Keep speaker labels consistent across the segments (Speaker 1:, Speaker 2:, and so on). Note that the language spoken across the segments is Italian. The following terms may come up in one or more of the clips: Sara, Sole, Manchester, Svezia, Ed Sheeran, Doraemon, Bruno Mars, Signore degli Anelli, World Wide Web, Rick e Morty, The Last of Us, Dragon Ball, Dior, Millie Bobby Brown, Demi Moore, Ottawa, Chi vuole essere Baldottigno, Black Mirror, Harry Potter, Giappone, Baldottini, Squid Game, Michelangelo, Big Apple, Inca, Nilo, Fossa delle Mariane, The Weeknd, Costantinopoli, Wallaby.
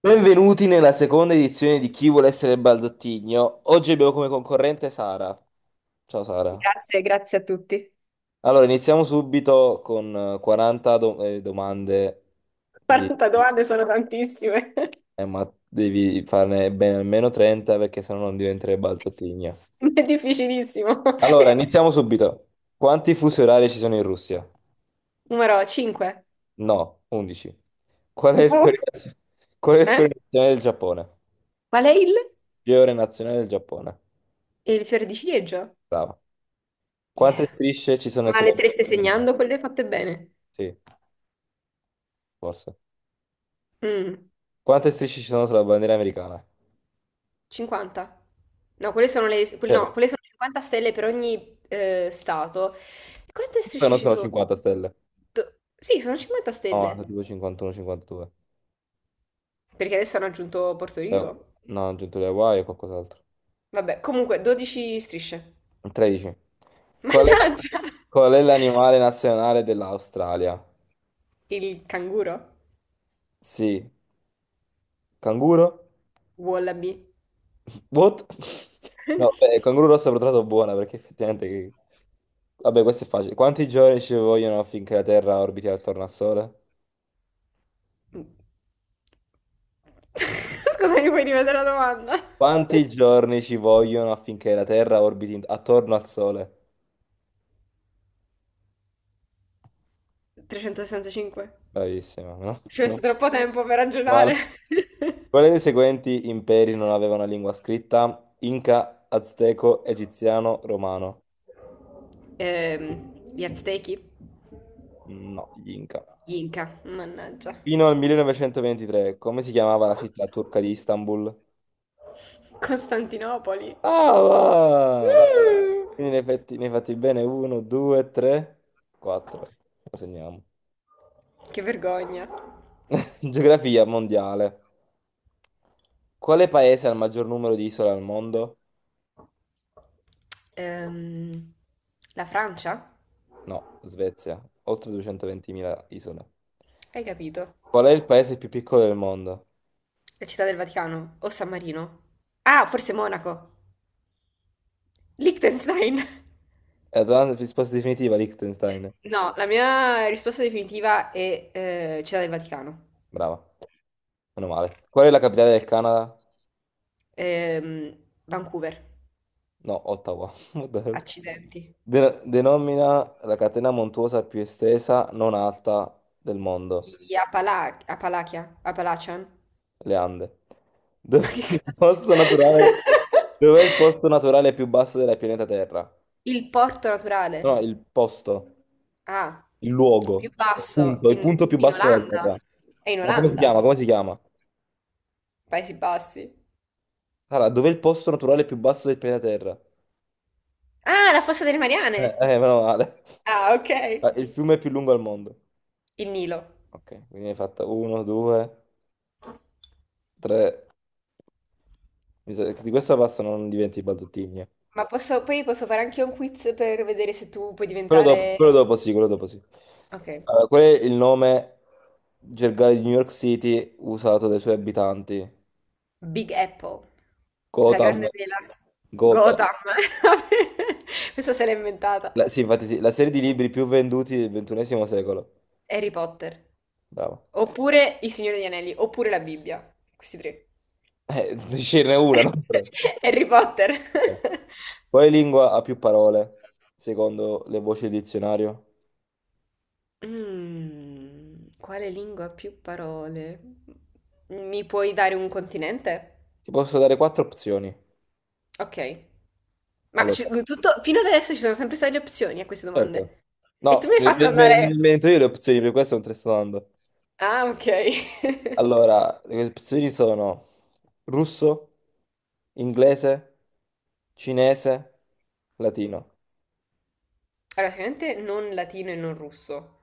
Speaker 1: Benvenuti nella seconda edizione di Chi vuole essere Baldottigno. Oggi abbiamo come concorrente Sara. Ciao Sara.
Speaker 2: Grazie, grazie a tutti.
Speaker 1: Allora, iniziamo subito con 40 domande di...
Speaker 2: 40 domande sono tantissime,
Speaker 1: ma devi farne bene almeno 30 perché sennò non diventerai Baldottigno.
Speaker 2: è difficilissimo.
Speaker 1: Allora, iniziamo subito. Quanti fusi orari ci sono in Russia?
Speaker 2: Numero 5.
Speaker 1: No, 11. Qual è il
Speaker 2: Boh.
Speaker 1: fiore, naz- Qual è il fiore
Speaker 2: Eh?
Speaker 1: nazionale del Giappone?
Speaker 2: Qual è il?
Speaker 1: Fiore nazionale del Giappone.
Speaker 2: Il fiore di ciliegio?
Speaker 1: Brava. Quante
Speaker 2: Yeah.
Speaker 1: strisce ci sono
Speaker 2: Ma
Speaker 1: sulla
Speaker 2: le te le stai
Speaker 1: bandiera americana?
Speaker 2: segnando? Quelle fatte bene.
Speaker 1: Sì, forse.
Speaker 2: Mm,
Speaker 1: Quante strisce ci sono sulla bandiera americana?
Speaker 2: 50. No, quelle sono le...
Speaker 1: Cioè,
Speaker 2: no, quelle sono 50 stelle per ogni stato. E quante strisce
Speaker 1: non
Speaker 2: ci
Speaker 1: sono
Speaker 2: sono?
Speaker 1: 50 stelle.
Speaker 2: Sì, sono 50
Speaker 1: No, sono
Speaker 2: stelle.
Speaker 1: tipo 51, 52.
Speaker 2: Perché adesso hanno aggiunto Porto
Speaker 1: Eh,
Speaker 2: Rico.
Speaker 1: No, ho aggiunto le Hawaii e qualcos'altro.
Speaker 2: Vabbè, comunque, 12 strisce.
Speaker 1: 13. Qual è,
Speaker 2: Mannaggia!
Speaker 1: qual è l'animale nazionale dell'Australia?
Speaker 2: Il canguro?
Speaker 1: Sì, canguro?
Speaker 2: Wallaby?
Speaker 1: What? No, beh, il canguro rosso l'ho trovato buona perché effettivamente. Vabbè, questo è facile. Quanti giorni ci vogliono finché la Terra orbiti attorno al Sole?
Speaker 2: Scusami, puoi rivedere la domanda?
Speaker 1: Quanti giorni ci vogliono affinché la Terra orbiti attorno al Sole?
Speaker 2: 365.
Speaker 1: Bravissima, no?
Speaker 2: Ci ho messo troppo tempo per
Speaker 1: No,
Speaker 2: ragionare.
Speaker 1: male. Quali dei seguenti imperi non avevano lingua scritta? Inca, Azteco, Egiziano, Romano.
Speaker 2: Gli Aztechi?
Speaker 1: No, gli Inca.
Speaker 2: Gli Inca? Mannaggia.
Speaker 1: Fino al 1923, come si chiamava la città turca di Istanbul?
Speaker 2: Costantinopoli?
Speaker 1: Ah, va!
Speaker 2: Mm,
Speaker 1: Quindi ne hai fatti bene 1, 2, 3, 4. Lo segniamo.
Speaker 2: che vergogna.
Speaker 1: Geografia mondiale. Quale paese ha il maggior numero di isole al mondo?
Speaker 2: Ehm, la Francia?
Speaker 1: No, Svezia, oltre 220.000 isole.
Speaker 2: Hai capito?
Speaker 1: Qual è il paese più piccolo del mondo?
Speaker 2: La città del Vaticano? O San Marino? Ah, forse Monaco. Liechtenstein.
Speaker 1: E la tua risposta definitiva, Liechtenstein.
Speaker 2: No, la mia risposta definitiva è Città del Vaticano.
Speaker 1: Brava, meno male. Qual è la capitale del Canada?
Speaker 2: Ehm, Vancouver,
Speaker 1: No, Ottawa. What the hell?
Speaker 2: accidenti.
Speaker 1: Denomina la catena montuosa più estesa, non alta, del mondo,
Speaker 2: Apalachia, Appalachian,
Speaker 1: le Ande. Dov'è
Speaker 2: ma
Speaker 1: il
Speaker 2: che
Speaker 1: posto
Speaker 2: cazzo?
Speaker 1: naturale? Dov'è il posto naturale più basso della pianeta Terra?
Speaker 2: Il porto naturale,
Speaker 1: No, il posto.
Speaker 2: ah,
Speaker 1: Il luogo,
Speaker 2: più
Speaker 1: il
Speaker 2: basso,
Speaker 1: punto, il
Speaker 2: in,
Speaker 1: punto più
Speaker 2: in
Speaker 1: basso della
Speaker 2: Olanda,
Speaker 1: Terra.
Speaker 2: è in
Speaker 1: No, come si
Speaker 2: Olanda,
Speaker 1: chiama? Come si chiama?
Speaker 2: Paesi Bassi.
Speaker 1: Allora, dov'è il posto naturale più basso del pianeta Terra?
Speaker 2: Ah, la Fossa delle Mariane,
Speaker 1: Meno male.
Speaker 2: ah, ok,
Speaker 1: Ah, il fiume più lungo al mondo.
Speaker 2: il Nilo.
Speaker 1: Ok, quindi hai fatto uno, due, tre. Mi sa che di questa passa non diventi balzottini, eh.
Speaker 2: Ma posso, poi posso fare anche un quiz per vedere se tu puoi diventare...
Speaker 1: Quello dopo sì, quello dopo sì.
Speaker 2: Ok.
Speaker 1: Allora, qual è il nome gergale di New York City usato dai suoi abitanti?
Speaker 2: Big Apple. La grande
Speaker 1: Gotham.
Speaker 2: vela.
Speaker 1: Gotham.
Speaker 2: Gotham. Questa se l'ha inventata.
Speaker 1: Sì, infatti sì, la serie di libri più venduti del ventunesimo secolo.
Speaker 2: Harry Potter.
Speaker 1: Bravo.
Speaker 2: Oppure Il Signore degli Anelli. Oppure la Bibbia. Questi tre.
Speaker 1: Ce n'è una, non tre.
Speaker 2: Harry Potter.
Speaker 1: Eh. Quale lingua ha più parole, secondo le voci del dizionario?
Speaker 2: Mm, quale lingua ha più parole? Mi puoi dare un continente?
Speaker 1: Ti posso dare quattro opzioni.
Speaker 2: Ok.
Speaker 1: Allora,
Speaker 2: Tutto, fino ad adesso ci sono sempre state le opzioni a queste
Speaker 1: certo.
Speaker 2: domande. E
Speaker 1: No,
Speaker 2: tu mi hai
Speaker 1: me
Speaker 2: fatto
Speaker 1: me- me- me ne
Speaker 2: andare...
Speaker 1: invento io le opzioni, per questo non te le sto dando.
Speaker 2: Ah, ok.
Speaker 1: Allora, le opzioni sono russo, inglese, cinese, latino.
Speaker 2: Allora, sicuramente non latino e non russo,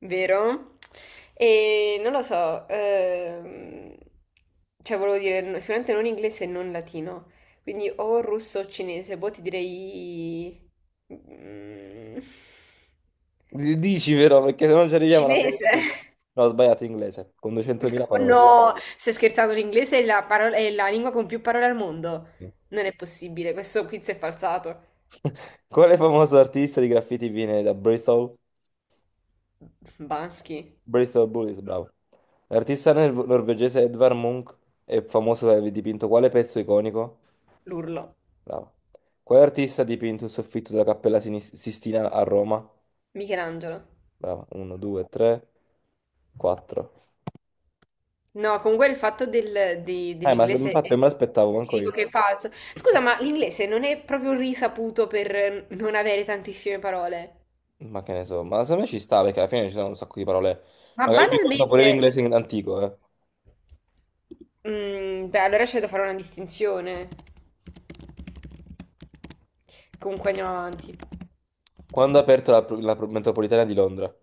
Speaker 2: vero? E non lo so, cioè volevo dire, sicuramente non inglese e non latino. Quindi o russo o cinese, boh, ti direi... mm,
Speaker 1: Dici però, perché se non ci arriviamo alla fine
Speaker 2: Cinese.
Speaker 1: di tutto. No, ho sbagliato inglese, con 200.000
Speaker 2: Ma
Speaker 1: parole.
Speaker 2: no, stai scherzando, l'inglese è la parola- è la lingua con più parole al mondo. Non è possibile, questo quiz è falsato.
Speaker 1: Quale famoso artista di graffiti viene da Bristol?
Speaker 2: Bansky.
Speaker 1: Bristol Bullies, bravo. L'artista norvegese Edvard Munch è famoso per aver dipinto quale pezzo iconico?
Speaker 2: L'urlo.
Speaker 1: Bravo. Quale artista ha dipinto il soffitto della Cappella Sistina a Roma?
Speaker 2: Michelangelo.
Speaker 1: Bravo. 1, 2, 3, 4.
Speaker 2: No, comunque il fatto del- di-
Speaker 1: Ma
Speaker 2: dell'inglese
Speaker 1: infatti non me l'aspettavo
Speaker 2: ti
Speaker 1: manco
Speaker 2: dico
Speaker 1: io.
Speaker 2: che è falso. Scusa, ma l'inglese non è proprio risaputo per non avere tantissime parole.
Speaker 1: Ma che ne so, ma secondo me ci sta perché alla fine ci sono un sacco di parole.
Speaker 2: Ma
Speaker 1: Magari lui conta pure
Speaker 2: banalmente,
Speaker 1: l'inglese antico, eh.
Speaker 2: mm, beh, allora c'è da fare una distinzione. Comunque andiamo avanti.
Speaker 1: Quando ha aperto la metropolitana di Londra?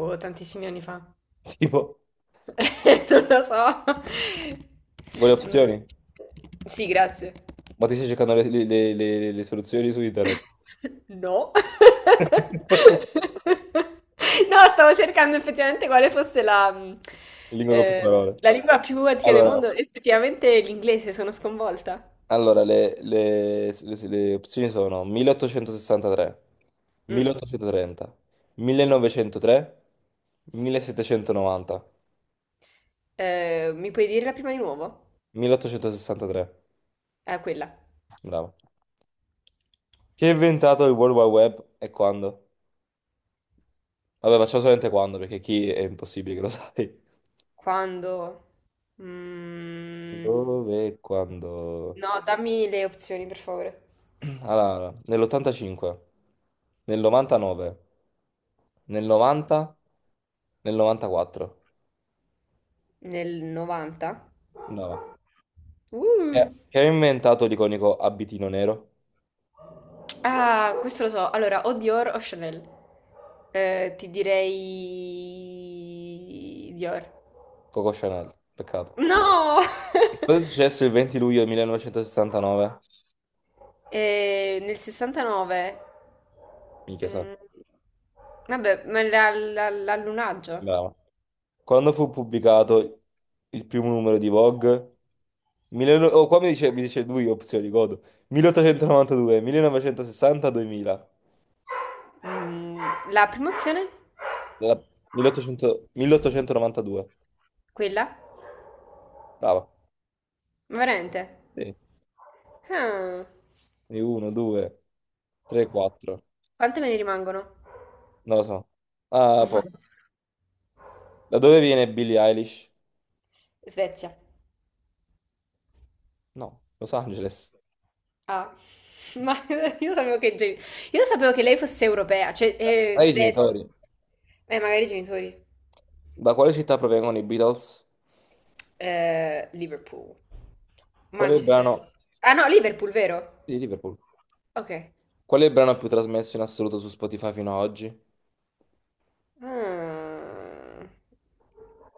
Speaker 2: Boh, tantissimi anni fa.
Speaker 1: Tipo,
Speaker 2: Non lo so.
Speaker 1: vuole
Speaker 2: Mm,
Speaker 1: opzioni?
Speaker 2: Sì, grazie.
Speaker 1: Ma ti stai cercando le soluzioni su internet?
Speaker 2: No. No, stavo cercando effettivamente quale fosse la,
Speaker 1: Lingua con più
Speaker 2: eh,
Speaker 1: parole.
Speaker 2: la lingua più antica del
Speaker 1: Allora,
Speaker 2: mondo. Effettivamente l'inglese, sono sconvolta.
Speaker 1: allora, le opzioni sono 1863,
Speaker 2: Mm.
Speaker 1: 1830, 1903, 1790,
Speaker 2: Mi puoi dire la prima di nuovo?
Speaker 1: 1863.
Speaker 2: Quella.
Speaker 1: Bravo. Chi ha inventato il World Wide Web e quando? Vabbè, facciamo solamente quando, perché chi è impossibile che lo sai.
Speaker 2: Quando? Mm,
Speaker 1: Dove e quando?
Speaker 2: No, dammi le opzioni, per favore.
Speaker 1: Allora, nell'85, nel 99, nel 90, nel 94.
Speaker 2: Nel 90?
Speaker 1: Brava.
Speaker 2: Uh.
Speaker 1: Chi ha inventato l'iconico abitino nero?
Speaker 2: Ah, questo lo so. Allora, o Dior o Chanel. Ti direi Dior.
Speaker 1: Coco Chanel, peccato.
Speaker 2: No!
Speaker 1: E cosa è successo il 20 luglio 1969?
Speaker 2: Nel 69.
Speaker 1: Minchia, sa.
Speaker 2: Mm, vabbè, ma l'allunaggio.
Speaker 1: Brava. Quando fu pubblicato il primo numero di Vogue? Oh, qua mi dice, lui opzioni, godo. 1892, 1960, 2000.
Speaker 2: Mm, la prima opzione?
Speaker 1: La- 1800 1892.
Speaker 2: Quella?
Speaker 1: Brava.
Speaker 2: Ma veramente?
Speaker 1: Sì.
Speaker 2: Ah,
Speaker 1: Quindi uno, due, tre, quattro.
Speaker 2: quante me ne rimangono?
Speaker 1: Non lo so. Ah, poco. Da dove viene Billie Eilish?
Speaker 2: Svezia.
Speaker 1: No, Los Angeles.
Speaker 2: Ah, ma io sapevo che, io sapevo che lei fosse europea, cioè,
Speaker 1: Ai
Speaker 2: svedese.
Speaker 1: genitori.
Speaker 2: Magari i genitori.
Speaker 1: Da quale città provengono i Beatles?
Speaker 2: Liverpool,
Speaker 1: Qual è il
Speaker 2: Manchester.
Speaker 1: brano
Speaker 2: Ah no, Liverpool, vero?
Speaker 1: di Liverpool?
Speaker 2: Ok.
Speaker 1: Qual è il brano più trasmesso in assoluto su Spotify fino ad oggi?
Speaker 2: Ah.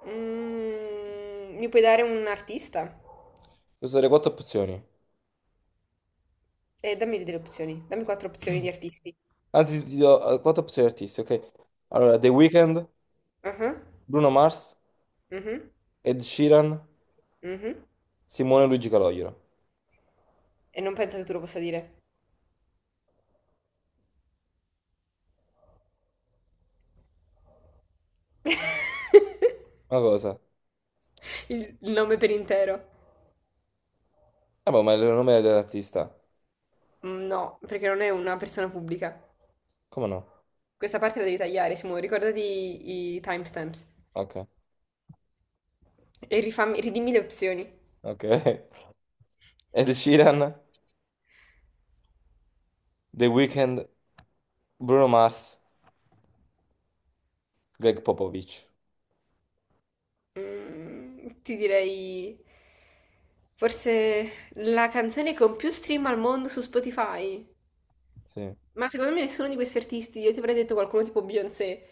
Speaker 2: Mm, mi puoi dare un artista?
Speaker 1: Queste sono le quattro opzioni.
Speaker 2: Dammi delle opzioni, dammi quattro opzioni di artisti.
Speaker 1: Anzi, ti do quattro opzioni artisti, ok? Allora, The Weeknd,
Speaker 2: Ah,
Speaker 1: Bruno Mars,
Speaker 2: mhm,
Speaker 1: Ed Sheeran,
Speaker 2: mhm.
Speaker 1: Simone e Luigi Calogero.
Speaker 2: E non penso che tu lo possa dire.
Speaker 1: Ma cosa?
Speaker 2: Il nome per intero.
Speaker 1: Vabbè, ma è il nome dell'artista.
Speaker 2: No, perché non è una persona pubblica.
Speaker 1: Come no?
Speaker 2: Questa parte la devi tagliare, Simo, ricordati i timestamps.
Speaker 1: Ok,
Speaker 2: E rifammi, ridimmi le opzioni.
Speaker 1: ok. Ed Sheeran, The Weeknd, Bruno Mars, Greg Popovich.
Speaker 2: Mm, ti direi... Forse la canzone con più stream al mondo su Spotify.
Speaker 1: Sì,
Speaker 2: Ma secondo me nessuno di questi artisti, io ti avrei detto qualcuno tipo Beyoncé.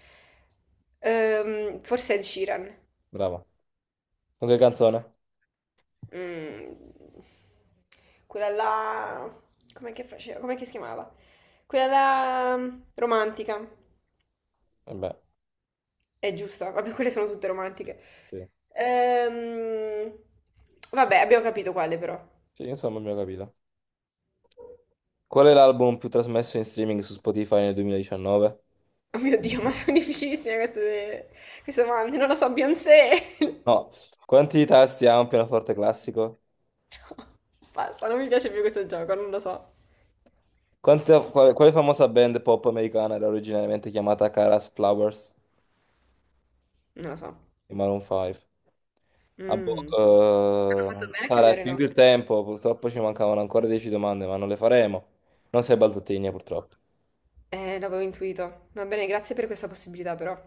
Speaker 2: Forse Ed Sheeran.
Speaker 1: brava. Qualche canzone?
Speaker 2: Mm, quella là... Com'è che faceva? Com'è che si chiamava? Quella là... mm, romantica.
Speaker 1: Eh beh,
Speaker 2: È giusta, vabbè, quelle sono tutte romantiche.
Speaker 1: sì.
Speaker 2: Ehm, vabbè, abbiamo capito quale però.
Speaker 1: Sì, insomma, abbiamo capito. Qual è l'album più trasmesso in streaming su Spotify nel 2019?
Speaker 2: Oh mio Dio, ma sono difficilissime queste, queste domande. Non lo so, Beyoncé.
Speaker 1: No, quanti tasti ha un pianoforte classico?
Speaker 2: No, basta, non mi piace più questo gioco, non lo so.
Speaker 1: Quale famosa band pop americana era originariamente chiamata Caras Flowers
Speaker 2: Non lo so.
Speaker 1: di Maroon 5? Ah, boh,
Speaker 2: Mm. Hanno fatto bene a
Speaker 1: Sara, è
Speaker 2: cambiare
Speaker 1: finito il
Speaker 2: nome.
Speaker 1: tempo, purtroppo ci mancavano ancora 10 domande, ma non le faremo. Non sei Baldottini, purtroppo.
Speaker 2: L'avevo intuito. Va bene, grazie per questa possibilità però.